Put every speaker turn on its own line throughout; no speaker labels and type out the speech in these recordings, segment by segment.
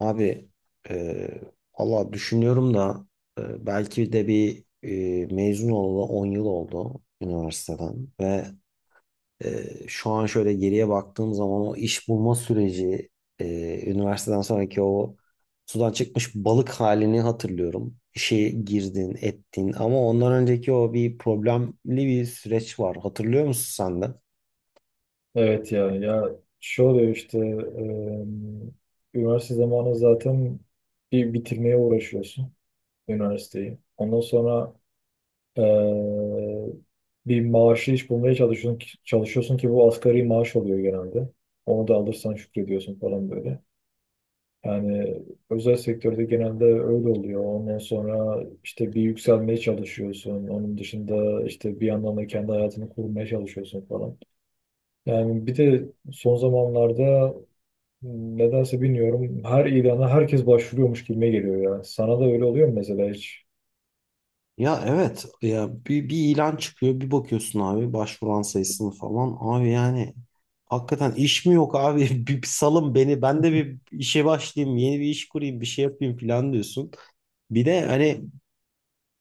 Abi e, valla düşünüyorum da belki de mezun olalı 10 yıl oldu üniversiteden ve şu an şöyle geriye baktığım zaman o iş bulma süreci üniversiteden sonraki o sudan çıkmış balık halini hatırlıyorum. İşe girdin ettin ama ondan önceki o bir problemli bir süreç var. Hatırlıyor musun sen de?
Evet, ya şu oluyor işte üniversite zamanı zaten bir bitirmeye uğraşıyorsun üniversiteyi. Ondan sonra e, bir maaşlı iş bulmaya çalışıyorsun ki bu asgari maaş oluyor genelde. Onu da alırsan şükrediyorsun falan böyle. Yani özel sektörde genelde öyle oluyor. Ondan sonra işte bir yükselmeye çalışıyorsun. Onun dışında işte bir yandan da kendi hayatını kurmaya çalışıyorsun falan. Yani bir de son zamanlarda nedense bilmiyorum. Her ilana herkes başvuruyormuş gibime geliyor ya. Sana da öyle oluyor mu mesela hiç?
Ya evet ya bir ilan çıkıyor bir bakıyorsun abi başvuran sayısını falan abi yani hakikaten iş mi yok abi bir salın beni ben de bir işe başlayayım yeni bir iş kurayım bir şey yapayım falan diyorsun. Bir de hani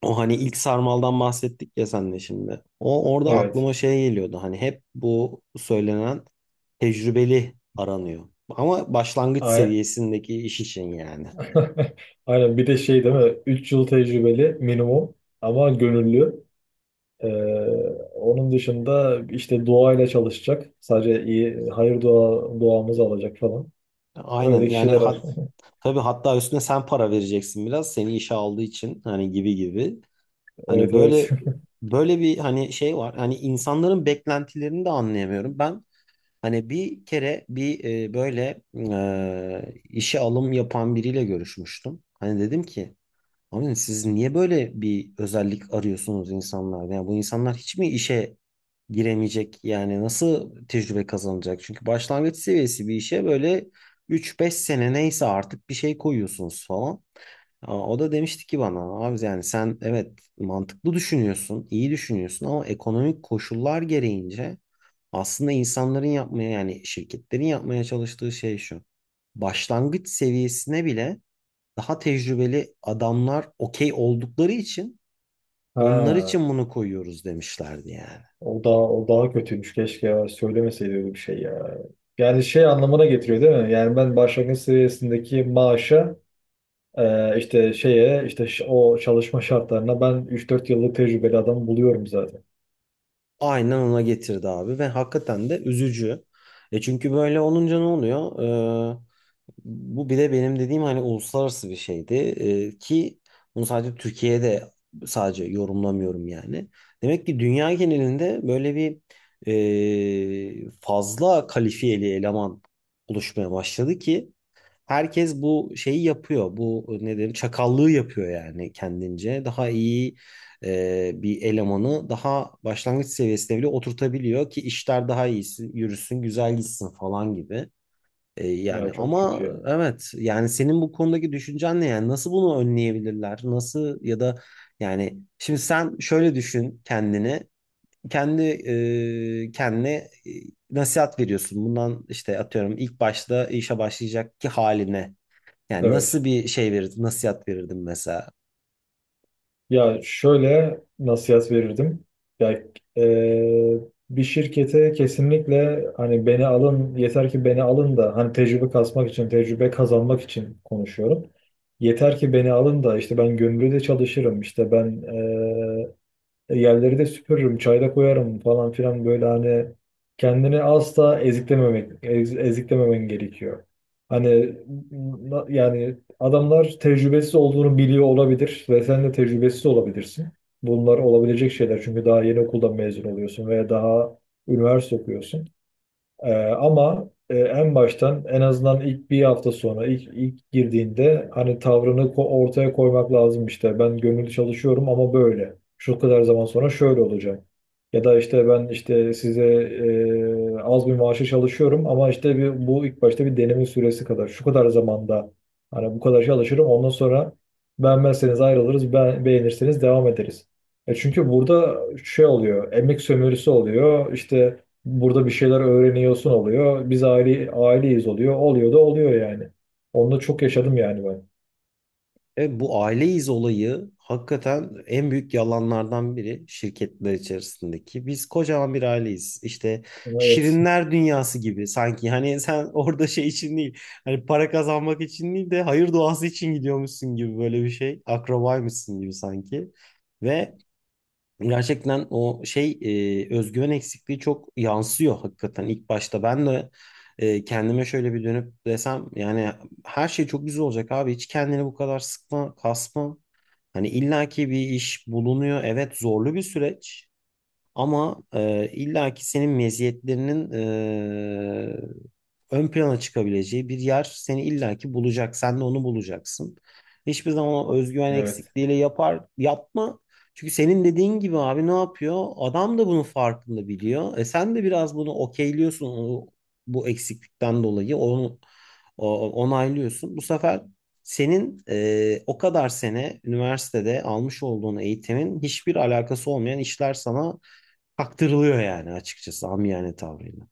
o hani ilk sarmaldan bahsettik ya senle şimdi o orada
Evet.
aklıma şey geliyordu hani hep bu söylenen tecrübeli aranıyor ama başlangıç
A-
seviyesindeki iş için yani.
Aynen. Bir de şey değil mi? 3 yıl tecrübeli minimum ama gönüllü. Ee, onun dışında işte duayla çalışacak. Sadece iyi hayır dua duamızı alacak falan.
Aynen
Öyle
yani
kişiler var.
ha, tabii hatta üstüne sen para vereceksin biraz seni işe aldığı için hani gibi gibi. Hani
Evet, evet.
böyle böyle bir hani şey var. Hani insanların beklentilerini de anlayamıyorum. Ben hani bir kere böyle işe alım yapan biriyle görüşmüştüm. Hani dedim ki abi siz niye böyle bir özellik arıyorsunuz insanlarda? Yani bu insanlar hiç mi işe giremeyecek? Yani nasıl tecrübe kazanacak? Çünkü başlangıç seviyesi bir işe böyle üç beş sene neyse artık bir şey koyuyorsunuz falan. Aa, o da demişti ki bana abi yani sen evet mantıklı düşünüyorsun, iyi düşünüyorsun ama ekonomik koşullar gereğince aslında insanların yapmaya yani şirketlerin yapmaya çalıştığı şey şu. Başlangıç seviyesine bile daha tecrübeli adamlar okey oldukları için onlar
Ha,
için bunu koyuyoruz demişlerdi yani.
o daha kötüymüş. Keşke ya söylemeseydi öyle bir şey ya. Yani şey anlamına getiriyor değil mi? Yani ben başlangıç seviyesindeki maaşa. İşte şeye işte o çalışma şartlarına ben 3-4 yıllık tecrübeli adam buluyorum zaten.
Aynen ona getirdi abi ve hakikaten de üzücü. E çünkü böyle olunca ne oluyor? Ee, Bu bir de benim dediğim hani uluslararası bir şeydi. Ki bunu sadece Türkiye'de sadece yorumlamıyorum yani. Demek ki dünya genelinde böyle bir fazla kalifiyeli eleman oluşmaya başladı ki herkes bu şeyi yapıyor. Bu ne derim çakallığı yapıyor yani kendince. Daha iyi bir elemanı daha başlangıç seviyesine bile oturtabiliyor ki işler daha iyi yürüsün, güzel gitsin falan gibi. Yani
Ya çok kötü
ama
ya.
evet yani senin bu konudaki düşüncen ne yani nasıl bunu önleyebilirler? Nasıl ya da yani şimdi sen şöyle düşün kendini. Kendi kendine nasihat veriyorsun. Bundan işte atıyorum ilk başta işe başlayacak ki haline. Yani
Evet.
nasıl bir şey verirdim, nasihat verirdim mesela?
Ya şöyle nasihat verirdim. Ya e, bir şirkete kesinlikle hani beni alın, yeter ki beni alın da hani tecrübe kasmak için, tecrübe kazanmak için konuşuyorum. Yeter ki beni alın da işte ben gönüllü de çalışırım. İşte ben e, yerleri de süpürürüm, çayda koyarım falan filan, böyle hani kendini asla eziklememek, eziklememen gerekiyor. Hani yani adamlar tecrübesiz olduğunu biliyor olabilir ve sen de tecrübesiz olabilirsin. Bunlar olabilecek şeyler, çünkü daha yeni okuldan mezun oluyorsun veya daha üniversite okuyorsun. Ee, Ama en baştan, en azından ilk bir hafta sonra ilk girdiğinde hani tavrını ortaya koymak lazım işte. Ben gönüllü çalışıyorum ama böyle, şu kadar zaman sonra şöyle olacak. Ya da işte ben işte size az bir maaşı çalışıyorum ama işte bir, bu ilk başta bir deneme süresi kadar. Şu kadar zamanda hani bu kadar çalışırım, ondan sonra beğenmezseniz ayrılırız, beğenirseniz devam ederiz. E çünkü burada şey oluyor, emek sömürüsü oluyor. İşte burada bir şeyler öğreniyorsun oluyor. Biz aileyiz oluyor. Oluyor da oluyor yani. Onu da çok yaşadım yani ben.
Evet, bu aileyiz olayı hakikaten en büyük yalanlardan biri şirketler içerisindeki. Biz kocaman bir aileyiz. İşte
Evet.
şirinler dünyası gibi sanki. Hani sen orada şey için değil, hani para kazanmak için değil de hayır duası için gidiyormuşsun gibi böyle bir şey. Akrabaymışsın gibi sanki. Ve gerçekten o şey özgüven eksikliği çok yansıyor hakikaten ilk başta. Ben de kendime şöyle bir dönüp desem yani her şey çok güzel olacak abi. Hiç kendini bu kadar sıkma, kasma. Hani illaki bir iş bulunuyor. Evet zorlu bir süreç. Ama illaki senin meziyetlerinin ön plana çıkabileceği bir yer seni illaki bulacak. Sen de onu bulacaksın. Hiçbir zaman o özgüven
Evet.
eksikliğiyle yapar yapma. Çünkü senin dediğin gibi abi ne yapıyor? Adam da bunun farkında biliyor. E sen de biraz bunu okeyliyorsun onu, bu eksiklikten dolayı onu onaylıyorsun. Bu sefer senin o kadar sene üniversitede almış olduğun eğitimin hiçbir alakası olmayan işler sana kaktırılıyor yani açıkçası amiyane tavrıyla.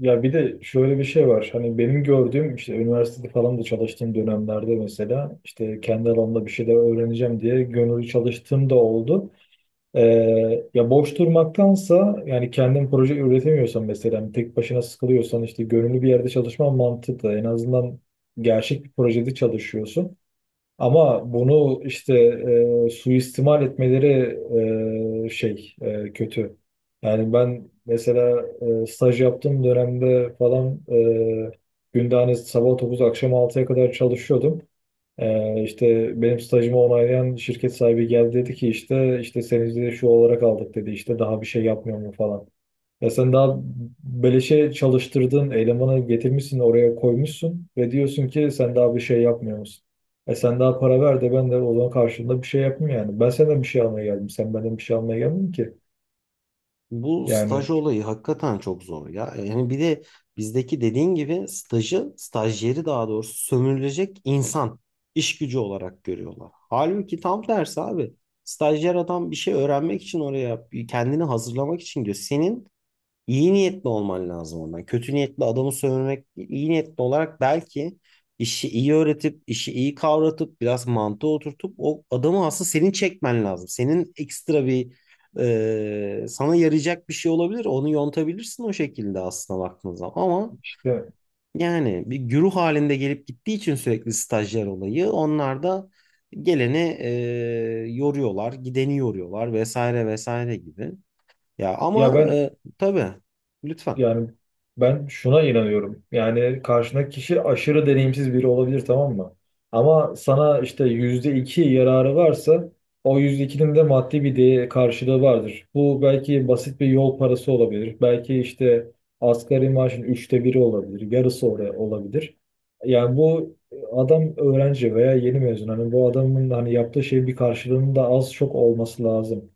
Ya bir de şöyle bir şey var. Hani benim gördüğüm, işte üniversitede falan da çalıştığım dönemlerde, mesela işte kendi alanımda bir şeyler öğreneceğim diye gönüllü çalıştığım da oldu. Ya boş durmaktansa, yani kendin proje üretemiyorsan, mesela hani tek başına sıkılıyorsan, işte gönüllü bir yerde çalışman mantıklı. En azından gerçek bir projede çalışıyorsun. Ama bunu işte suistimal etmeleri kötü. Yani ben mesela staj yaptığım dönemde falan günde hani sabah 9 akşam 6'ya kadar çalışıyordum. İşte benim stajımı onaylayan şirket sahibi geldi, dedi ki işte işte senizi de şu olarak aldık, dedi, işte daha bir şey yapmıyor mu falan. Ya sen daha beleşe çalıştırdığın elemanı getirmişsin oraya koymuşsun ve diyorsun ki sen daha bir şey yapmıyor musun? E sen daha para ver de ben de o zaman karşılığında bir şey yapayım yani. Ben senden bir şey almaya geldim. Sen benden bir şey almaya gelmedin ki.
Bu staj
Yani
olayı hakikaten çok zor ya. Yani bir de bizdeki dediğin gibi stajyeri daha doğrusu sömürülecek insan, iş gücü olarak görüyorlar. Halbuki tam tersi abi. Stajyer adam bir şey öğrenmek için oraya, kendini hazırlamak için diyor. Senin İyi niyetli olman lazım ondan. Kötü niyetli adamı sövmek değil. İyi niyetli olarak belki işi iyi öğretip, işi iyi kavratıp, biraz mantığı oturtup o adamı aslında senin çekmen lazım. Senin ekstra bir sana yarayacak bir şey olabilir. Onu yontabilirsin o şekilde aslında baktığın zaman. Ama
işte
yani bir güruh halinde gelip gittiği için sürekli stajyer olayı onlar da geleni yoruyorlar, gideni yoruyorlar vesaire vesaire gibi. Ya
ya
ama
ben.
tabii lütfen.
Yani ben şuna inanıyorum. Yani karşındaki kişi aşırı deneyimsiz biri olabilir, tamam mı? Ama sana işte %2 yararı varsa o %2'nin de maddi bir değer karşılığı vardır. Bu belki basit bir yol parası olabilir. Belki işte asgari maaşın 1/3 olabilir. Yarısı oraya olabilir. Yani bu adam öğrenci veya yeni mezun. Hani bu adamın hani yaptığı şeyin bir karşılığının da az çok olması lazım.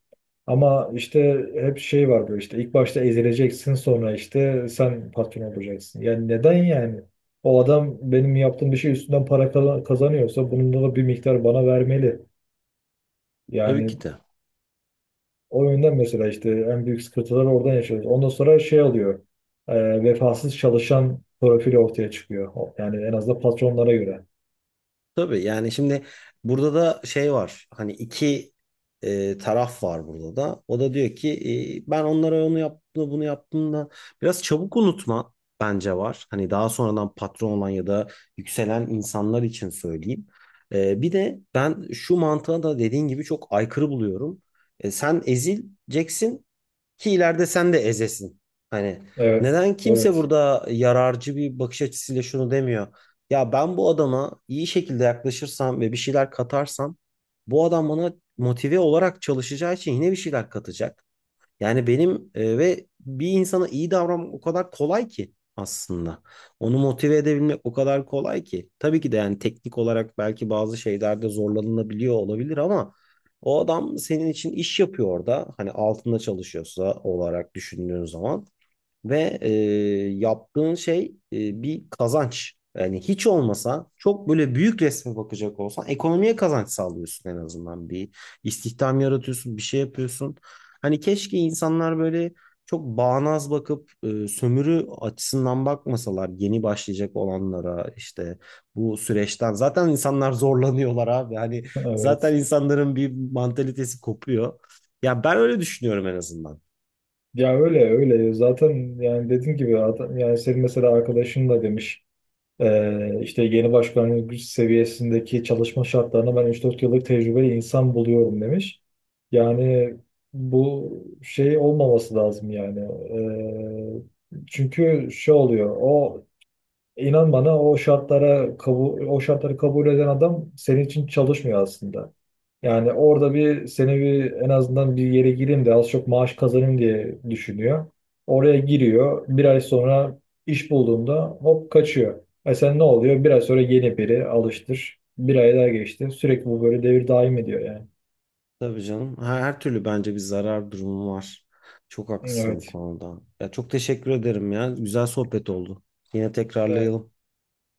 Ama işte hep şey var, böyle işte ilk başta ezileceksin, sonra işte sen patron olacaksın. Yani neden yani? O adam benim yaptığım bir şey üstünden para kazanıyorsa bunun da bir miktar bana vermeli.
Tabii ki
Yani
de.
o yönden mesela işte en büyük sıkıntıları oradan yaşıyoruz. Ondan sonra şey oluyor, vefasız çalışan profili ortaya çıkıyor. Yani en azından patronlara göre.
Tabii yani şimdi burada da şey var. Hani iki taraf var burada da. O da diyor ki ben onlara onu yaptım da bunu yaptım da biraz çabuk unutma bence var. Hani daha sonradan patron olan ya da yükselen insanlar için söyleyeyim. Bir de ben şu mantığa da dediğin gibi çok aykırı buluyorum. Sen ezileceksin ki ileride sen de ezesin. Hani
Evet.
neden kimse
Evet.
burada yararcı bir bakış açısıyla şunu demiyor. Ya ben bu adama iyi şekilde yaklaşırsam ve bir şeyler katarsam bu adam bana motive olarak çalışacağı için yine bir şeyler katacak. Yani benim ve bir insana iyi davranmak o kadar kolay ki aslında. Onu motive edebilmek o kadar kolay ki. Tabii ki de yani teknik olarak belki bazı şeylerde zorlanılabiliyor olabilir ama o adam senin için iş yapıyor orada. Hani altında çalışıyorsa olarak düşündüğün zaman. Ve yaptığın şey bir kazanç. Yani hiç olmasa çok böyle büyük resme bakacak olsan ekonomiye kazanç sağlıyorsun en azından. Bir istihdam yaratıyorsun, bir şey yapıyorsun. Hani keşke insanlar böyle çok bağnaz bakıp sömürü açısından bakmasalar yeni başlayacak olanlara işte bu süreçten. Zaten insanlar zorlanıyorlar abi. Hani zaten
Evet.
insanların bir mantalitesi kopuyor. Ya ben öyle düşünüyorum en azından.
Ya öyle öyle. Zaten yani dediğim gibi adam, yani senin mesela arkadaşın da demiş. İşte yeni başkanlık güç seviyesindeki çalışma şartlarına ben 3-4 yıllık tecrübeli insan buluyorum demiş. Yani bu şey olmaması lazım yani. Çünkü şey oluyor. İnan bana, o şartlara kabul, o şartları kabul eden adam senin için çalışmıyor aslında. Yani orada bir seni bir en azından bir yere gireyim de az çok maaş kazanayım diye düşünüyor. Oraya giriyor. Bir ay sonra iş bulduğunda hop kaçıyor. E sen ne oluyor? Bir ay sonra yeni biri alıştır. Bir ay daha geçti. Sürekli bu böyle devir daim ediyor yani.
Tabii canım. Her türlü bence bir zarar durumu var. Çok haklısın bu
Evet.
konuda. Ya çok teşekkür ederim ya. Güzel sohbet oldu. Yine
Ve-
tekrarlayalım.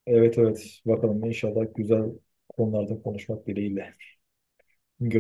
Evet, evet. Bakalım, inşallah güzel konularda konuşmak dileğiyle. Görüşürüz.